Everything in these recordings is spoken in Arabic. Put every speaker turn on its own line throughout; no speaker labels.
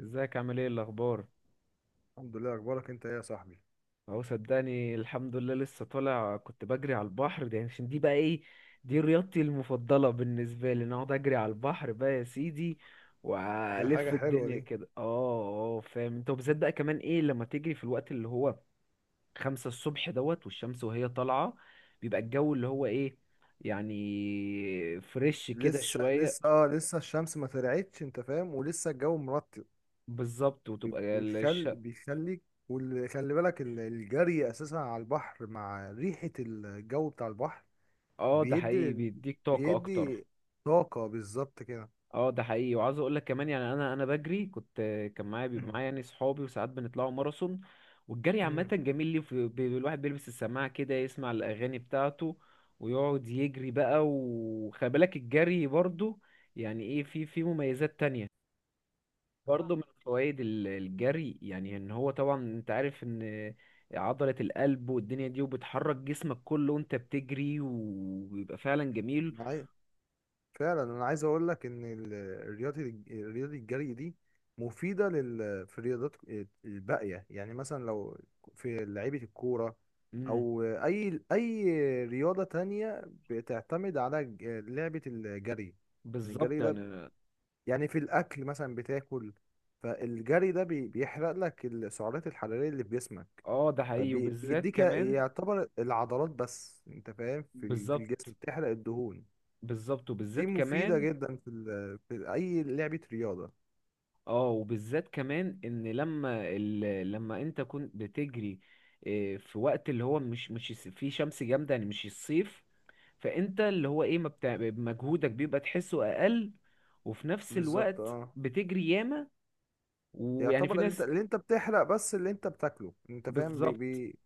ازيك عامل ايه الاخبار.
الحمد لله، اخبارك انت ايه يا صاحبي؟
اهو صدقني الحمد لله، لسه طالع كنت بجري على البحر، ده يعني عشان دي بقى ايه، دي رياضتي المفضله بالنسبه لي، ان اقعد اجري على البحر بقى يا سيدي
دي
والف
حاجه حلوه
الدنيا
دي.
كده. اه اه، فاهم انت، وبالذات بقى كمان ايه لما تجري في الوقت اللي هو 5 الصبح دوت، والشمس وهي طالعه، بيبقى الجو اللي هو ايه، يعني فريش كده
لسه
شويه.
لسه اه، لسه الشمس ما طلعتش، انت فاهم، ولسه الجو مرطب.
بالظبط، وتبقى
بيخل بيخليك. وخلي بالك الجري اساسا على البحر مع ريحه الجو بتاع البحر
اه ده حقيقي
بيدي
بيديك طاقه اكتر.
بيدي طاقه بالظبط كده.
اه ده حقيقي، وعاوز اقول لك كمان يعني انا بجري كنت، كان معايا بيبقى معايا يعني صحابي، وساعات بنطلعوا ماراثون. والجري عامه جميل، ليه الواحد بيلبس السماعه كده يسمع الاغاني بتاعته ويقعد يجري بقى. وخلي بالك الجري برضو يعني ايه في مميزات تانية. برضو من فوائد الجري، يعني ان هو طبعا انت عارف ان عضلة القلب والدنيا دي، وبتحرك جسمك كله وانت بتجري، وبيبقى فعلا جميل.
معايا فعلا. انا عايز اقول لك ان الرياضه، الجري دي مفيده في الرياضات الباقيه. مثلا لو في لعيبه الكوره
امم.
او اي رياضه تانية بتعتمد على لعبه الجري. إن
بالظبط
الجري ده
يعني.
يعني في الاكل مثلا بتاكل، فالجري ده بيحرق لك السعرات الحراريه اللي في جسمك.
اه ده حقيقي وبالذات
فبيديك
كمان.
يعتبر العضلات، بس انت فاهم، في
بالظبط.
الجسم بتحرق الدهون.
بالظبط
دي
وبالذات
مفيدة
كمان.
جدا في أي لعبة رياضة
اه وبالذات كمان ان لما انت كنت بتجري إيه، في وقت اللي هو مش فيه شمس جامدة يعني مش الصيف، فانت اللي هو ايه ما بتاع... مجهودك بيبقى تحسه اقل، وفي نفس
بالظبط
الوقت
اه.
بتجري ياما. ويعني في
يعتبر اللي انت،
ناس.
بتحرق بس اللي انت بتاكله، انت فاهم،
بالظبط.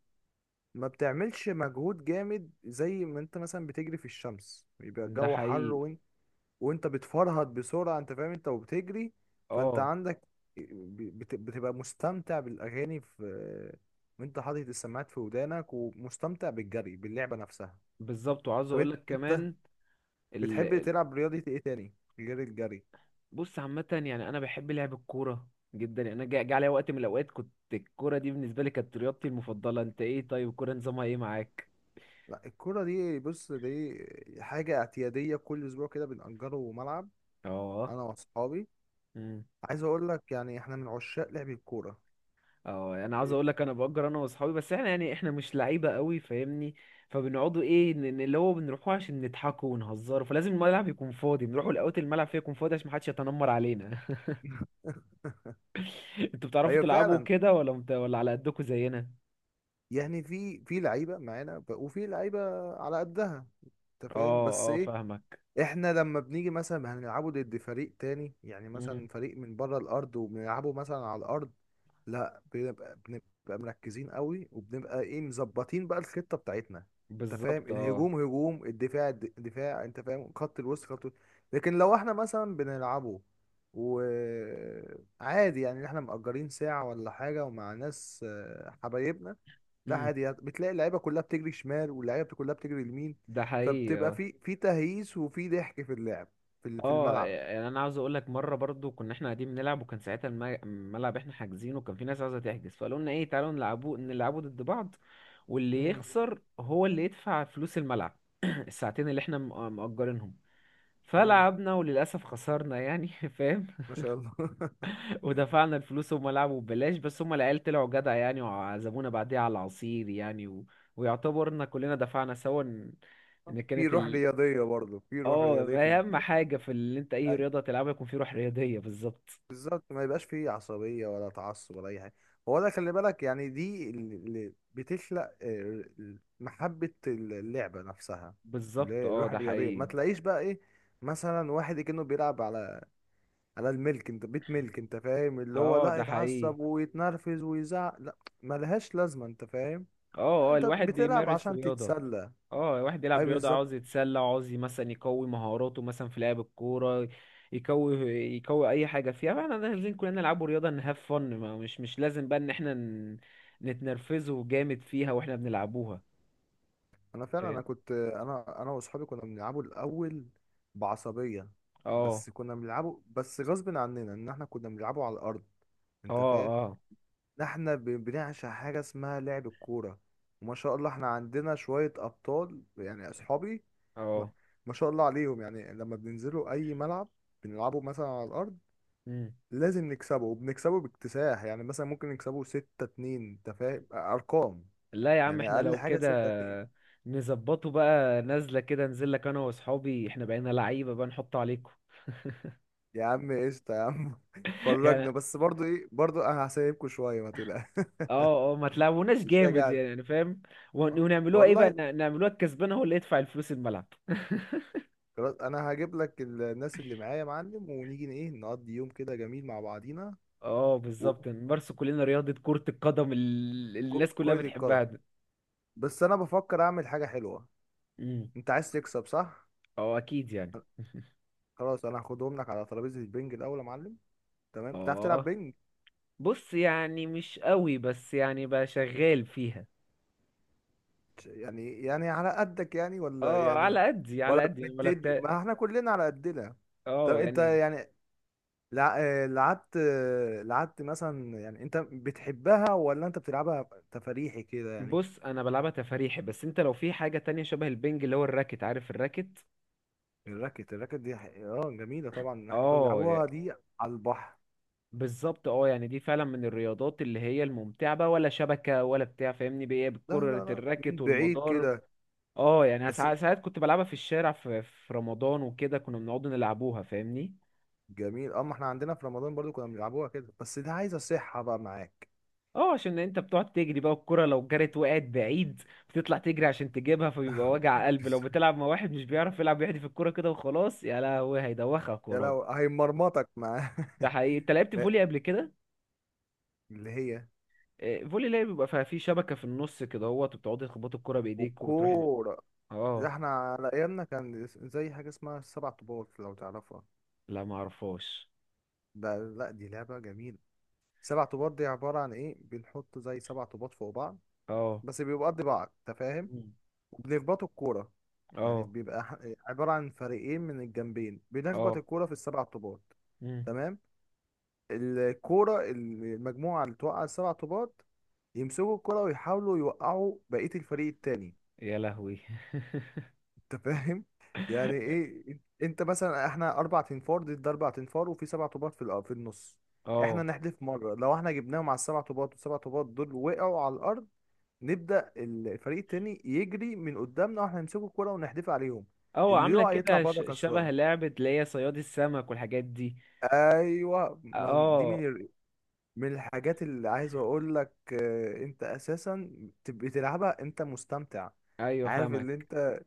ما بتعملش مجهود جامد زي ما انت مثلا بتجري في الشمس بيبقى
ده
الجو حر،
حقيقي
وانت بتفرهد بسرعة، انت فاهم، انت وبتجري. فانت
اه.
عندك بتبقى مستمتع بالأغاني، في وانت حاطط السماعات في ودانك ومستمتع بالجري باللعبة نفسها.
بالظبط وعاوز
طب
اقولك
انت
كمان.
بتحب تلعب رياضة ايه تاني غير الجري؟
بص عامة يعني أنا بحب لعب الكورة جدا، يعني أنا جا عليا وقت من الأوقات كنت الكورة دي بالنسبة لي كانت رياضتي المفضلة. أنت إيه طيب، الكورة نظامها إيه معاك؟
لا الكرة دي، بص دي حاجة اعتيادية كل أسبوع كده بنأجره ملعب
أه.
أنا وأصحابي.
أمم.
عايز أقول لك يعني إحنا من عشاق لعب الكورة.
أه يعني أنا عاوز
إيه،
أقول لك، أنا بأجر أنا وأصحابي، بس إحنا يعني إحنا مش لعيبة قوي فاهمني، فبنقعدوا إيه اللي هو بنروحوا عشان نضحكوا ونهزروا، فلازم الملعب يكون فاضي، بنروحوا الأوقات الملعب فيه يكون فاضي عشان محدش يتنمر علينا. أنتوا بتعرفوا
أيوة
تلعبوا
فعلا،
كده ولا ولا على قدكوا زينا؟
يعني في لعيبة معانا وفي لعيبة على قدها، أنت فاهم،
أه
بس
أه
إيه،
فاهمك.
احنا لما بنيجي مثلا هنلعبه ضد فريق تاني، يعني
أمم.
مثلا فريق من بره الارض وبنلعبه مثلا على الارض، لا بنبقى مركزين قوي وبنبقى ايه، مظبطين بقى الخطه بتاعتنا، انت فاهم.
بالظبط أه.
الهجوم هجوم، الدفاع دفاع، انت فاهم، خط الوسط خط الوسط. لكن لو احنا مثلا بنلعبه وعادي، يعني احنا مأجرين ساعه ولا حاجه ومع ناس حبايبنا، لا
أمم.
عادي، يعني بتلاقي اللعيبه كلها بتجري شمال واللعيبه كلها بتجري يمين.
ده حقيقي
فبتبقى
آه.
في تهييس وفي ضحك في اللعب في
اه
الملعب.
يعني انا عاوز اقول لك، مره برضو كنا احنا قاعدين بنلعب، وكان ساعتها الملعب احنا حاجزينه، وكان في ناس عاوزه تحجز، فقالوا لنا ايه تعالوا نلعبوا نلعبوا ضد بعض، واللي
مم.
يخسر هو اللي يدفع فلوس الملعب. الساعتين اللي احنا مأجرينهم،
مم.
فلعبنا وللاسف خسرنا يعني فاهم.
ما شاء الله.
ودفعنا الفلوس، هم لعبوا ببلاش، بس هم العيال طلعوا جدع يعني، وعزمونا بعديها على العصير يعني ويعتبرنا كلنا دفعنا سوا ان، إن
في
كانت.
روح رياضيه برضه، في روح
اه
رياضيه في
اهم
الموضوع.
حاجه في اللي انت اي
أي.
رياضه تلعبها يكون في روح رياضيه، بالظبط.
بالظبط، ما يبقاش فيه عصبيه ولا تعصب ولا اي حاجه. هو ده، خلي بالك، يعني دي اللي بتخلق آه، محبه اللعبه نفسها، اللي
بالظبط
هي
اه
الروح
ده
الرياضيه. ما
حقيقي.
تلاقيش بقى ايه، مثلا واحد كأنه بيلعب على انا الملك انت بيت ملك، انت فاهم، اللي هو
اه
لا
ده حقيقي.
يتعصب ويتنرفز ويزعق، لا، ملهاش لازمه، انت فاهم. لا
اه اه
انت
الواحد
بتلعب
بيمارس
عشان
رياضه.
تتسلى.
اه الواحد يلعب
اي
رياضه، عاوز
بالظبط.
يتسلى، عاوز مثلا يقوي مهاراته مثلا في لعب الكوره، يقوي، يقوي اي حاجه فيها، فاحنا لازم كلنا نلعبوا رياضه نهاف فن، مش لازم بقى ان احنا نتنرفزه جامد فيها واحنا بنلعبوها.
انا فعلا،
فاهم.
انا كنت انا واصحابي كنا بنلعبه الاول بعصبيه،
اه.
بس كنا بنلعبه، بس غصب عننا ان احنا كنا بنلعبه على الارض،
اه.
انت فاهم.
اه.
احنا بنعشق حاجة اسمها لعب الكورة، وما شاء الله احنا عندنا شوية أبطال، يعني أصحابي، ما
اه.
ما شاء الله عليهم. يعني لما بننزلوا أي ملعب بنلعبه مثلا على الأرض،
مم.
لازم نكسبه، وبنكسبه باكتساح. يعني مثلا ممكن نكسبه ستة اتنين، أنت فاهم أرقام،
لا يا عم،
يعني
احنا
أقل
لو
حاجة ستة
كده
اتنين.
نظبطه بقى نازله كده، انزل لك انا واصحابي احنا بقينا لعيبه بقى نحطه عليكم.
يا عم قشطة يا عم، فرجنا
يعني
بس برضو إيه، برضو أنا هسيبكوا شوية، ما تقلقش.
اه اه ما تلعبوناش
مش
جامد
راجع.
يعني فاهم،
والله
ونعملوها ايه
والله،
بقى نعملوها الكسبان هو اللي يدفع الفلوس الملعب.
خلاص انا هجيب لك الناس اللي معايا يا معلم، ونيجي ايه نقضي يوم كده جميل مع بعضينا.
اه بالظبط نمارسوا كلنا رياضه كره القدم، اللي الناس كلها
وكل الكرة،
بتحبها دي.
بس انا بفكر اعمل حاجة حلوة.
امم.
انت عايز تكسب صح؟
اه اكيد يعني.
خلاص، انا هاخدهم لك على ترابيزة البنج الاول يا معلم. تمام، بتعرف تلعب
اه
بنج؟
بص يعني مش قوي، بس يعني بقى شغال فيها.
يعني على قدك يعني، ولا
اه
يعني،
على قدي،
ولا
على قدي انا ما
بتدي،
لعبتها.
ما احنا كلنا على قدنا. طب
اه
انت
يعني.
يعني لعبت، آه، لعبت مثلا، يعني انت بتحبها ولا انت بتلعبها تفريحي كده يعني؟
بص انا بلعبها تفاريحي، بس انت لو في حاجة تانية شبه البنج اللي هو الراكت، عارف الراكت؟
الراكت، الراكت دي اه جميلة طبعا، احنا كنا
اه
بنلعبوها دي على البحر.
بالظبط. اه يعني دي فعلا من الرياضات اللي هي الممتعة، بقى ولا شبكة ولا بتاع فاهمني بايه
لا
بكرة
لا لا،
الراكت
من بعيد
والمضارب.
كده
اه يعني
بس.
ساعات، ساعات كنت بلعبها في الشارع في، في رمضان وكده، كنا بنقعد نلعبوها فاهمني.
جميل اه، ما احنا عندنا في رمضان برضو كنا بنلعبوها كده، بس دي عايزة صحة بقى معاك.
اه عشان انت بتقعد تجري بقى، الكرة لو جرت وقعت بعيد بتطلع تجري عشان تجيبها، فبيبقى وجع قلب لو بتلعب مع واحد مش بيعرف يلعب، يحدف الكرة كده وخلاص، يا لهوي هيدوخك
يا
وراه.
لو هيمرمطك معاه.
ده حقيقي، انت لعبت فولي
لا،
قبل كده؟
اللي هي
آه، فولي لعب بيبقى فيها في شبكة في النص كده اهوت، وبتقعدي تخبطي الكرة بايديك وتروحي.
والكورة، ده
اه.
احنا على ايامنا كان زي حاجة اسمها السبع طوبات، لو تعرفها.
لا ما اعرفهاش.
ده لا، دي لعبة جميلة. سبع طوبات دي عبارة عن ايه، بنحط زي سبع طوبات فوق بعض،
اه.
بس بيبقوا قد بعض، انت فاهم،
مم.
وبنخبطوا الكورة. يعني
اه.
بيبقى عبارة عن فريقين من الجنبين، بنخبط
اه.
الكورة في السبع طوبات.
مم.
تمام، الكورة المجموعة اللي توقع السبع طوبات يمسكوا الكرة ويحاولوا يوقعوا بقية الفريق التاني،
يا لهوي.
انت فاهم. يعني ايه، انت مثلا، احنا اربع تنفار ضد اربع تنفار، وفي سبع طوبات في في النص. احنا
اه.
نحدف مرة، لو احنا جبناهم على السبع طوبات والسبع طوبات دول وقعوا على الارض، نبدأ الفريق التاني يجري من قدامنا واحنا نمسكه الكرة ونحدفها عليهم،
اه
اللي
عاملة
يقع يطلع
كده
بره
شبه
كسران.
لعبة اللي هي صياد السمك والحاجات دي.
ايوه، دي
اه.
من من الحاجات اللي عايز اقول لك آه، انت اساسا تبقى تلعبها انت مستمتع،
ايوه
عارف،
فاهمك.
اللي انت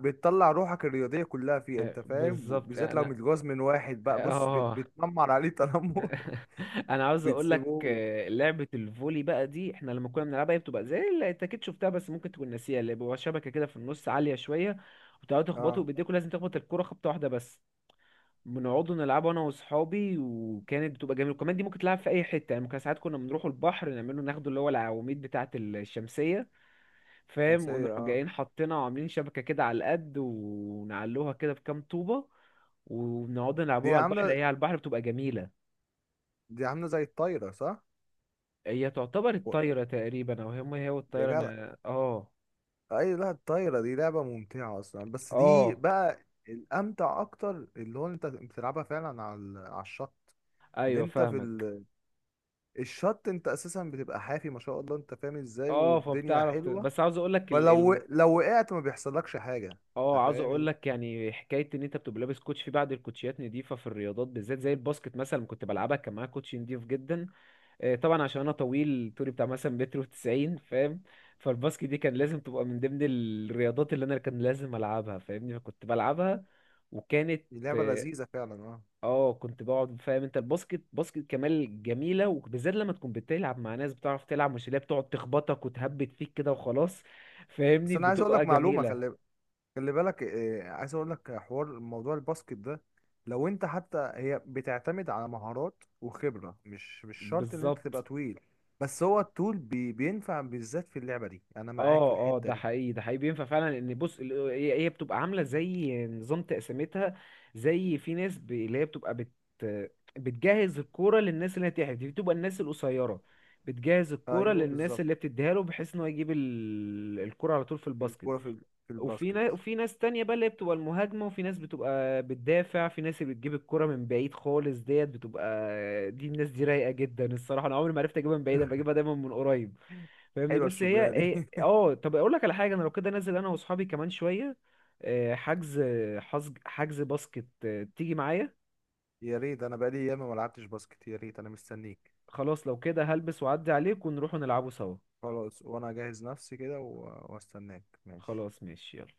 بتطلع روحك الرياضية كلها فيها،
آه،
انت فاهم،
بالظبط
بالذات لو
انا.
متجوز من واحد بقى بص
اه.
بتنمر عليه تنمر.
انا عاوز اقول لك
بتسيبوه
آه، لعبه الفولي بقى دي احنا لما كنا بنلعبها، هي بتبقى زي اللي انت اكيد شفتها بس ممكن تكون ناسيها، اللي بيبقى شبكه كده في النص عاليه شويه، وتقعدوا
اه،
تخبطوا بايديكوا، لازم تخبط الكره خبطه واحده بس. بنقعدوا نلعبها انا واصحابي، وكانت بتبقى جميله. وكمان دي ممكن تلعب في اي حته يعني، ممكن ساعات كنا بنروحوا البحر نعمله، ناخده اللي هو العواميد بتاعه الشمسيه فاهم،
شمسية
ونروح
اه.
جايين حاطينها وعاملين شبكه كده على القد، ونعلوها كده بكام طوبه، وبنقعد
دي
نلعبوها على البحر،
عاملة،
هي على البحر بتبقى جميله.
دي عاملة زي الطايرة صح؟
هي تعتبر
و-
الطايرة تقريبا، او هم هي
يا
والطايرة
جدع،
انا اه.
اي لا، الطايره دي لعبه ممتعه اصلا، بس دي
اه
بقى الامتع اكتر، اللي هو انت بتلعبها فعلا على على الشط. ان
ايوه
انت في
فاهمك.
الشط انت اساسا بتبقى حافي، ما شاء الله انت فاهم ازاي،
اه
والدنيا
فبتعرف
حلوه.
بس عاوز اقول لك
فلو وقعت ما بيحصلكش حاجه،
اه
انت
عاوز اقول
فاهم.
لك يعني حكايه ان انت بتبقى لابس كوتش، في بعض الكوتشيات نضيفه في الرياضات بالذات، زي الباسكت مثلا كنت بلعبها كان معايا كوتش نضيف جدا. آه، طبعا عشان انا طويل، طولي بتاع مثلا متر و90 فاهم. فالباسكت دي كان لازم تبقى من ضمن الرياضات اللي انا كان لازم العبها فاهمني، فكنت بلعبها وكانت.
دي لعبه لذيذه فعلا اه.
اه كنت بقعد فاهم انت الباسكت، باسكت كمال جميله، وبالذات لما تكون بتلعب مع ناس بتعرف تلعب، مش اللي هي بتقعد تخبطك وتهبد فيك كده وخلاص
بس
فاهمني،
انا عايز اقول
بتبقى
لك معلومه،
جميله.
خلي بالك آه، عايز اقول لك حوار موضوع الباسكت ده. لو انت حتى، هي بتعتمد على مهارات وخبرة، مش شرط ان انت تبقى
بالظبط.
طويل، بس هو الطول بي بينفع بالذات في اللعبة دي، انا معاك في
اه اه
الحتة
ده
دي.
حقيقي، ده حقيقي بينفع فعلا، لان بص هي بتبقى عامله زي نظام تقسيمتها، زي في ناس اللي هي بتبقى بتجهز الكوره للناس اللي هتحرف، دي بتبقى الناس القصيره، بتجهز الكوره
ايوه
للناس اللي
بالظبط،
بتديها له، بحيث ان هو يجيب الكوره على طول في الباسكت.
الكورة في في
وفي
الباسكت.
ناس، وفي ناس تانية بقى اللي هي بتبقى المهاجمة، وفي ناس بتبقى بتدافع، في ناس اللي بتجيب الكرة من بعيد خالص ديت بتبقى، دي الناس دي رايقة جدا الصراحة، أنا عمري ما عرفت أجيبها من بعيد، أنا بجيبها دايما من قريب فاهمني.
حلوة
بس هي
الشغلانة
إيه
دي.
أه، طب أقول لك على حاجة، أنا لو كده نازل أنا وأصحابي كمان شوية، آه، حجز، حجز باسكت، آه، تيجي معايا؟
يا ريت، انا بقالي ياما ما لعبتش باسكت، يا ريت، انا مستنيك.
خلاص لو كده هلبس وأعدي عليك ونروح نلعبه سوا.
خلاص، وانا اجهز نفسي كده واستناك، ماشي.
خلاص ماشي يلا.